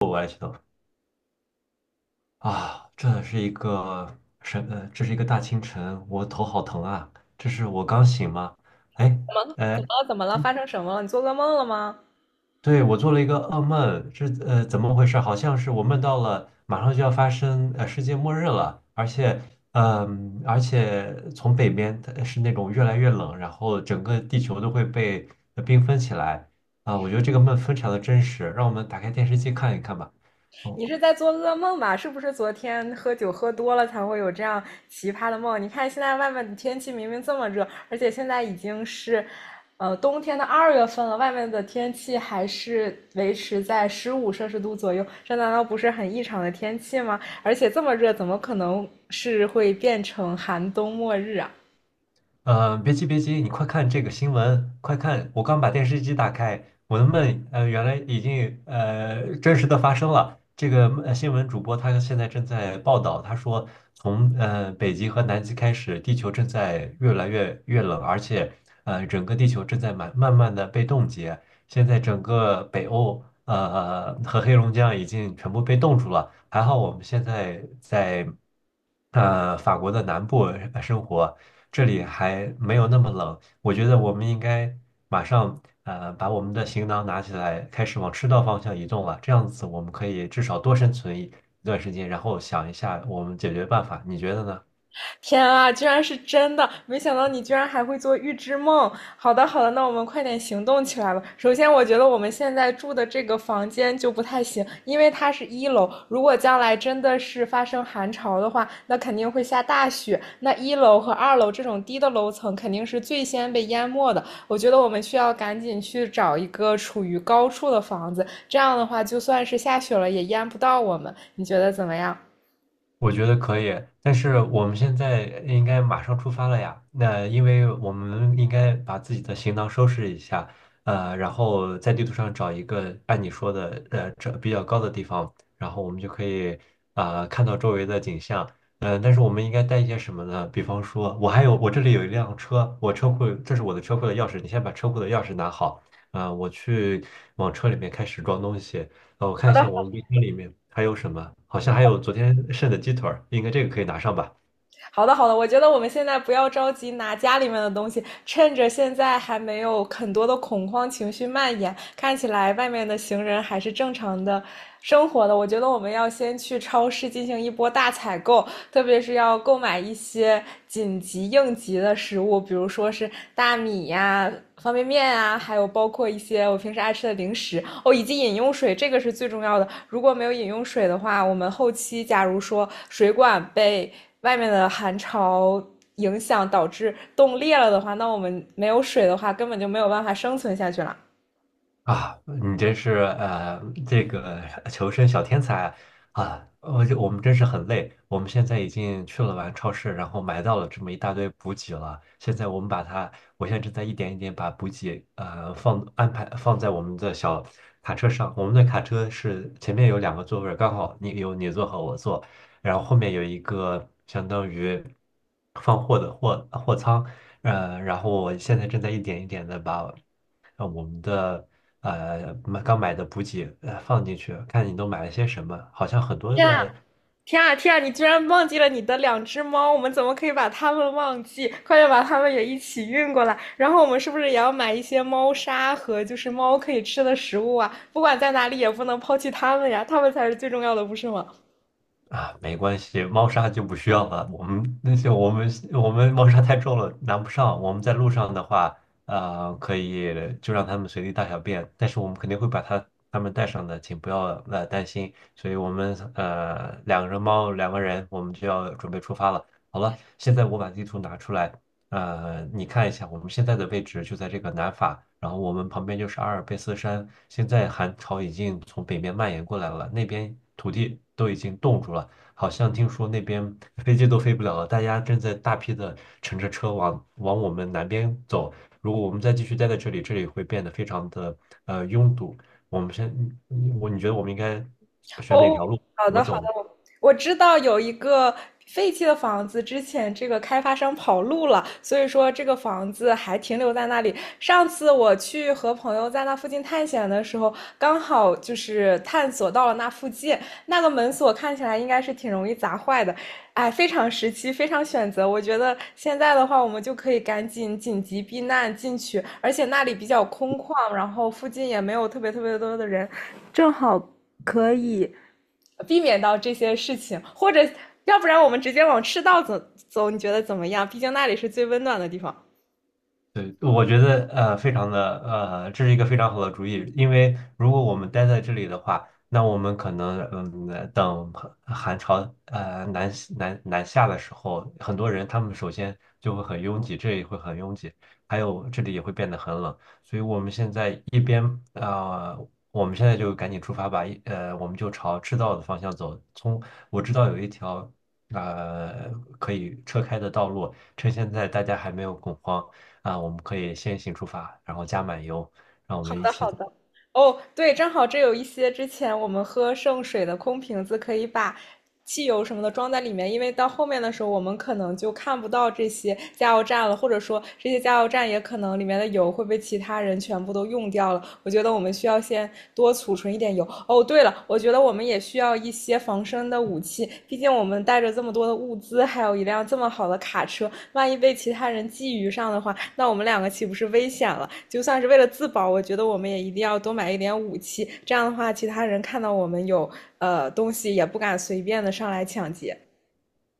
我还想啊，这是一个什？这是一个大清晨，我头好疼啊！这是我刚醒吗？哎，怎么怎么了？怎么了？发生什么了？你做噩梦了吗？对，我做了一个噩梦，这怎么回事？好像是我梦到了马上就要发生世界末日了，而且而且从北边它是那种越来越冷，然后整个地球都会被冰封起来。我觉得这个梦非常的真实，让我们打开电视机看一看吧。哦。你是在做噩梦吧？是不是昨天喝酒喝多了才会有这样奇葩的梦？你看现在外面的天气明明这么热，而且现在已经是，冬天的2月份了，外面的天气还是维持在15摄氏度左右，这难道不是很异常的天气吗？而且这么热，怎么可能是会变成寒冬末日啊？别急别急，你快看这个新闻，快看！我刚把电视机打开，我的梦，呃，原来已经真实的发生了。这个新闻主播他现在正在报道，他说从北极和南极开始，地球正在越来越冷，而且整个地球正在慢慢的被冻结。现在整个北欧和黑龙江已经全部被冻住了。还好我们现在在法国的南部生活，这里还没有那么冷。我觉得我们应该马上把我们的行囊拿起来，开始往赤道方向移动了。这样子我们可以至少多生存一段时间，然后想一下我们解决办法。你觉得呢？天啊，居然是真的！没想到你居然还会做预知梦。好的，好的，那我们快点行动起来吧。首先，我觉得我们现在住的这个房间就不太行，因为它是一楼。如果将来真的是发生寒潮的话，那肯定会下大雪。那一楼和二楼这种低的楼层肯定是最先被淹没的。我觉得我们需要赶紧去找一个处于高处的房子，这样的话，就算是下雪了也淹不到我们。你觉得怎么样？我觉得可以，但是我们现在应该马上出发了呀。那因为我们应该把自己的行囊收拾一下，然后在地图上找一个按你说的，呃，这比较高的地方，然后我们就可以看到周围的景象。但是我们应该带一些什么呢？比方说，我还有我这里有一辆车，我车库这是我的车库的钥匙，你先把车库的钥匙拿好，我去往车里面开始装东西。我看一下我们冰箱里面还有什么，好像还有昨天剩的鸡腿儿，应该这个可以拿上吧。好的，好的，我觉得我们现在不要着急拿家里面的东西，趁着现在还没有很多的恐慌情绪蔓延，看起来外面的行人还是正常的生活的。我觉得我们要先去超市进行一波大采购，特别是要购买一些紧急应急的食物，比如说是大米呀、啊方便面啊，还有包括一些我平时爱吃的零食。哦，以及饮用水，这个是最重要的。如果没有饮用水的话，我们后期假如说水管被外面的寒潮影响导致冻裂了的话，那我们没有水的话，根本就没有办法生存下去了。啊，你真是这个求生小天才啊！我就我们真是很累，我们现在已经去了完超市，然后买到了这么一大堆补给了。现在我们把它，我现在正在一点一点把补给放安排放在我们的小卡车上。我们的卡车是前面有两个座位儿刚好你有你坐和我坐，然后后面有一个相当于放货的货仓。然后我现在正在一点一点的把。让我们的买刚买的补给放进去，看你都买了些什么。好像很多天啊！的天啊天啊！你居然忘记了你的两只猫，我们怎么可以把它们忘记？快点把它们也一起运过来。然后我们是不是也要买一些猫砂和就是猫可以吃的食物啊？不管在哪里也不能抛弃它们呀，它们才是最重要的，不是吗？啊，没关系，猫砂就不需要了。我们那些我们猫砂太重了，拿不上。我们在路上的话，可以就让他们随地大小便，但是我们肯定会把它他们带上的，请不要担心。所以我们两个人猫两个人，我们就要准备出发了。好了，现在我把地图拿出来。你看一下，我们现在的位置就在这个南法，然后我们旁边就是阿尔卑斯山。现在寒潮已经从北面蔓延过来了，那边土地都已经冻住了，好像听说那边飞机都飞不了了，大家正在大批的乘着车往我们南边走。如果我们再继续待在这里，这里会变得非常的拥堵。我们先，我你觉得我们应该选哪哦，条路？好怎么的好走的，呢？我知道有一个废弃的房子，之前这个开发商跑路了，所以说这个房子还停留在那里。上次我去和朋友在那附近探险的时候，刚好就是探索到了那附近，那个门锁看起来应该是挺容易砸坏的，哎，非常时期，非常选择。我觉得现在的话，我们就可以赶紧紧急避难进去，而且那里比较空旷，然后附近也没有特别特别多的人。避免到这些事情，或者要不然我们直接往赤道走，你觉得怎么样？毕竟那里是最温暖的地方。对，我觉得非常的这是一个非常好的主意，因为如果我们待在这里的话，那我们可能等寒潮朝南南下的时候，很多人他们首先就会很拥挤，这也会很拥挤，还有这里也会变得很冷，所以我们现在一边我们现在就赶紧出发吧，我们就朝赤道的方向走。从我知道有一条呃可以车开的道路，趁现在大家还没有恐慌。啊，我们可以先行出发，然后加满油，让我好们一的，起好走。的。哦，对，正好这有一些之前我们喝剩水的空瓶子，可以把汽油什么的装在里面，因为到后面的时候，我们可能就看不到这些加油站了，或者说这些加油站也可能里面的油会被其他人全部都用掉了。我觉得我们需要先多储存一点油。哦，对了，我觉得我们也需要一些防身的武器，毕竟我们带着这么多的物资，还有一辆这么好的卡车，万一被其他人觊觎上的话，那我们两个岂不是危险了？就算是为了自保，我觉得我们也一定要多买一点武器。这样的话，其他人看到我们有东西，也不敢随便的上来抢劫。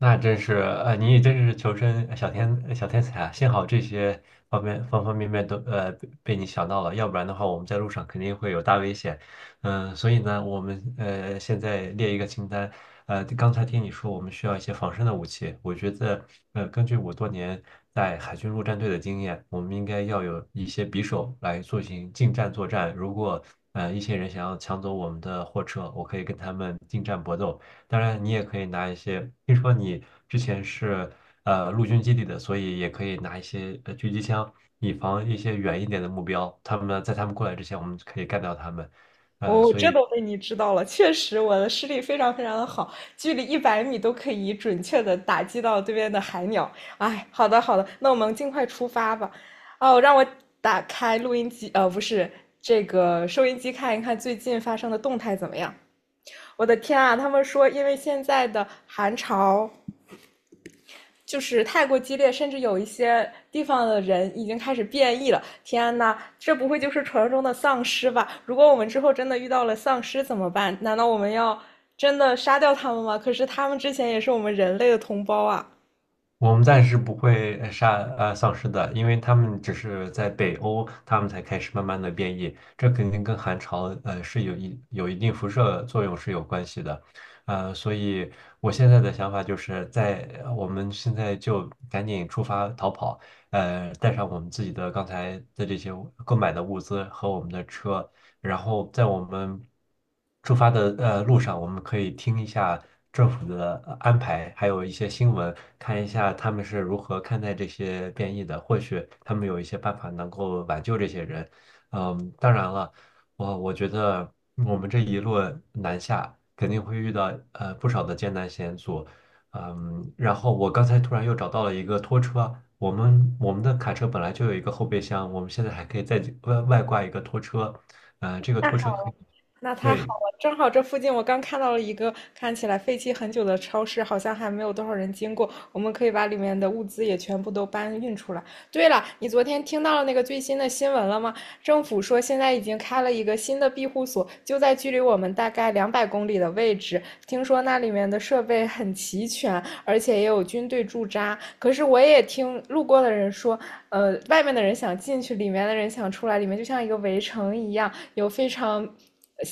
那真是你也真是求生小天才啊！幸好这些方面方方面面都被你想到了，要不然的话，我们在路上肯定会有大危险。所以呢，我们现在列一个清单。刚才听你说我们需要一些防身的武器，我觉得根据我多年在海军陆战队的经验，我们应该要有一些匕首来进行近战作战。如果一些人想要抢走我们的货车，我可以跟他们近战搏斗。当然，你也可以拿一些，听说你之前是陆军基地的，所以也可以拿一些狙击枪，以防一些远一点的目标。他们在他们过来之前，我们可以干掉他们。哦，所这以都被你知道了，确实我的视力非常非常的好，距离100米都可以准确的打击到对面的海鸟。哎，好的好的，那我们尽快出发吧。哦，让我打开录音机，不是这个收音机，看一看最近发生的动态怎么样。我的天啊！他们说，因为现在的寒潮就是太过激烈，甚至有一些地方的人已经开始变异了。天呐，这不会就是传说中的丧尸吧？如果我们之后真的遇到了丧尸怎么办？难道我们要真的杀掉他们吗？可是他们之前也是我们人类的同胞啊！我们暂时不会杀丧尸的，因为他们只是在北欧，他们才开始慢慢的变异，这肯定跟寒潮是有一定辐射作用是有关系的。所以我现在的想法就是在我们现在就赶紧出发逃跑，带上我们自己的刚才的这些物购买的物资和我们的车，然后在我们出发的路上，我们可以听一下政府的安排，还有一些新闻，看一下他们是如何看待这些变异的，或许他们有一些办法能够挽救这些人。嗯，当然了，我觉得我们这一路南下肯定会遇到不少的艰难险阻。嗯，然后我刚才突然又找到了一个拖车，我们的卡车本来就有一个后备箱，我们现在还可以再外挂一个拖车，这个拖车可以，那太好对，了，正好这附近我刚看到了一个看起来废弃很久的超市，好像还没有多少人经过，我们可以把里面的物资也全部都搬运出来。对了，你昨天听到了那个最新的新闻了吗？政府说现在已经开了一个新的庇护所，就在距离我们大概200公里的位置。听说那里面的设备很齐全，而且也有军队驻扎。可是我也听路过的人说，外面的人想进去，里面的人想出来，里面就像一个围城一样。有非常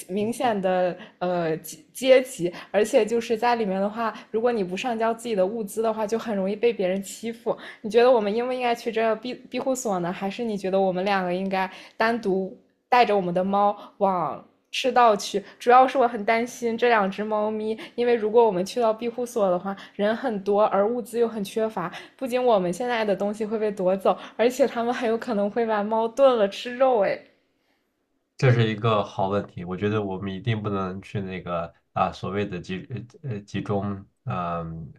明显的阶级，而且就是在里面的话，如果你不上交自己的物资的话，就很容易被别人欺负。你觉得我们应不应该去这庇护所呢？还是你觉得我们两个应该单独带着我们的猫往？赤道去，主要是我很担心这两只猫咪，因为如果我们去到庇护所的话，人很多，而物资又很缺乏，不仅我们现在的东西会被夺走，而且它们很有可能会把猫炖了吃肉。哎，这是一个好问题。我觉得我们一定不能去那个所谓的集中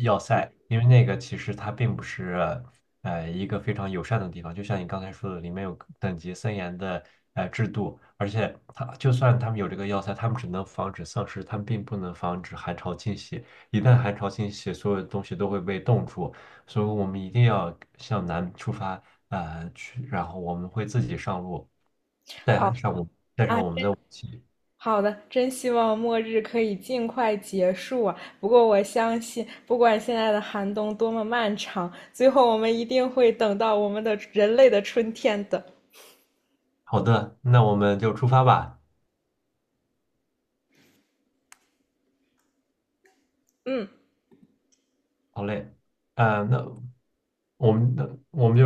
要塞，因为那个其实它并不是一个非常友善的地方。就像你刚才说的，里面有等级森严的制度，而且它就算他们有这个要塞，他们只能防止丧尸，他们并不能防止寒潮侵袭。一旦寒潮侵袭，所有的东西都会被冻住。所以我们一定要向南出发，去，然后我们会自己上路，带好，上我们哎，自己。好的，真希望末日可以尽快结束啊！不过我相信，不管现在的寒冬多么漫长，最后我们一定会等到我们的人类的春天的。好的，那我们就出发吧。嗯。好嘞，那我们那我们。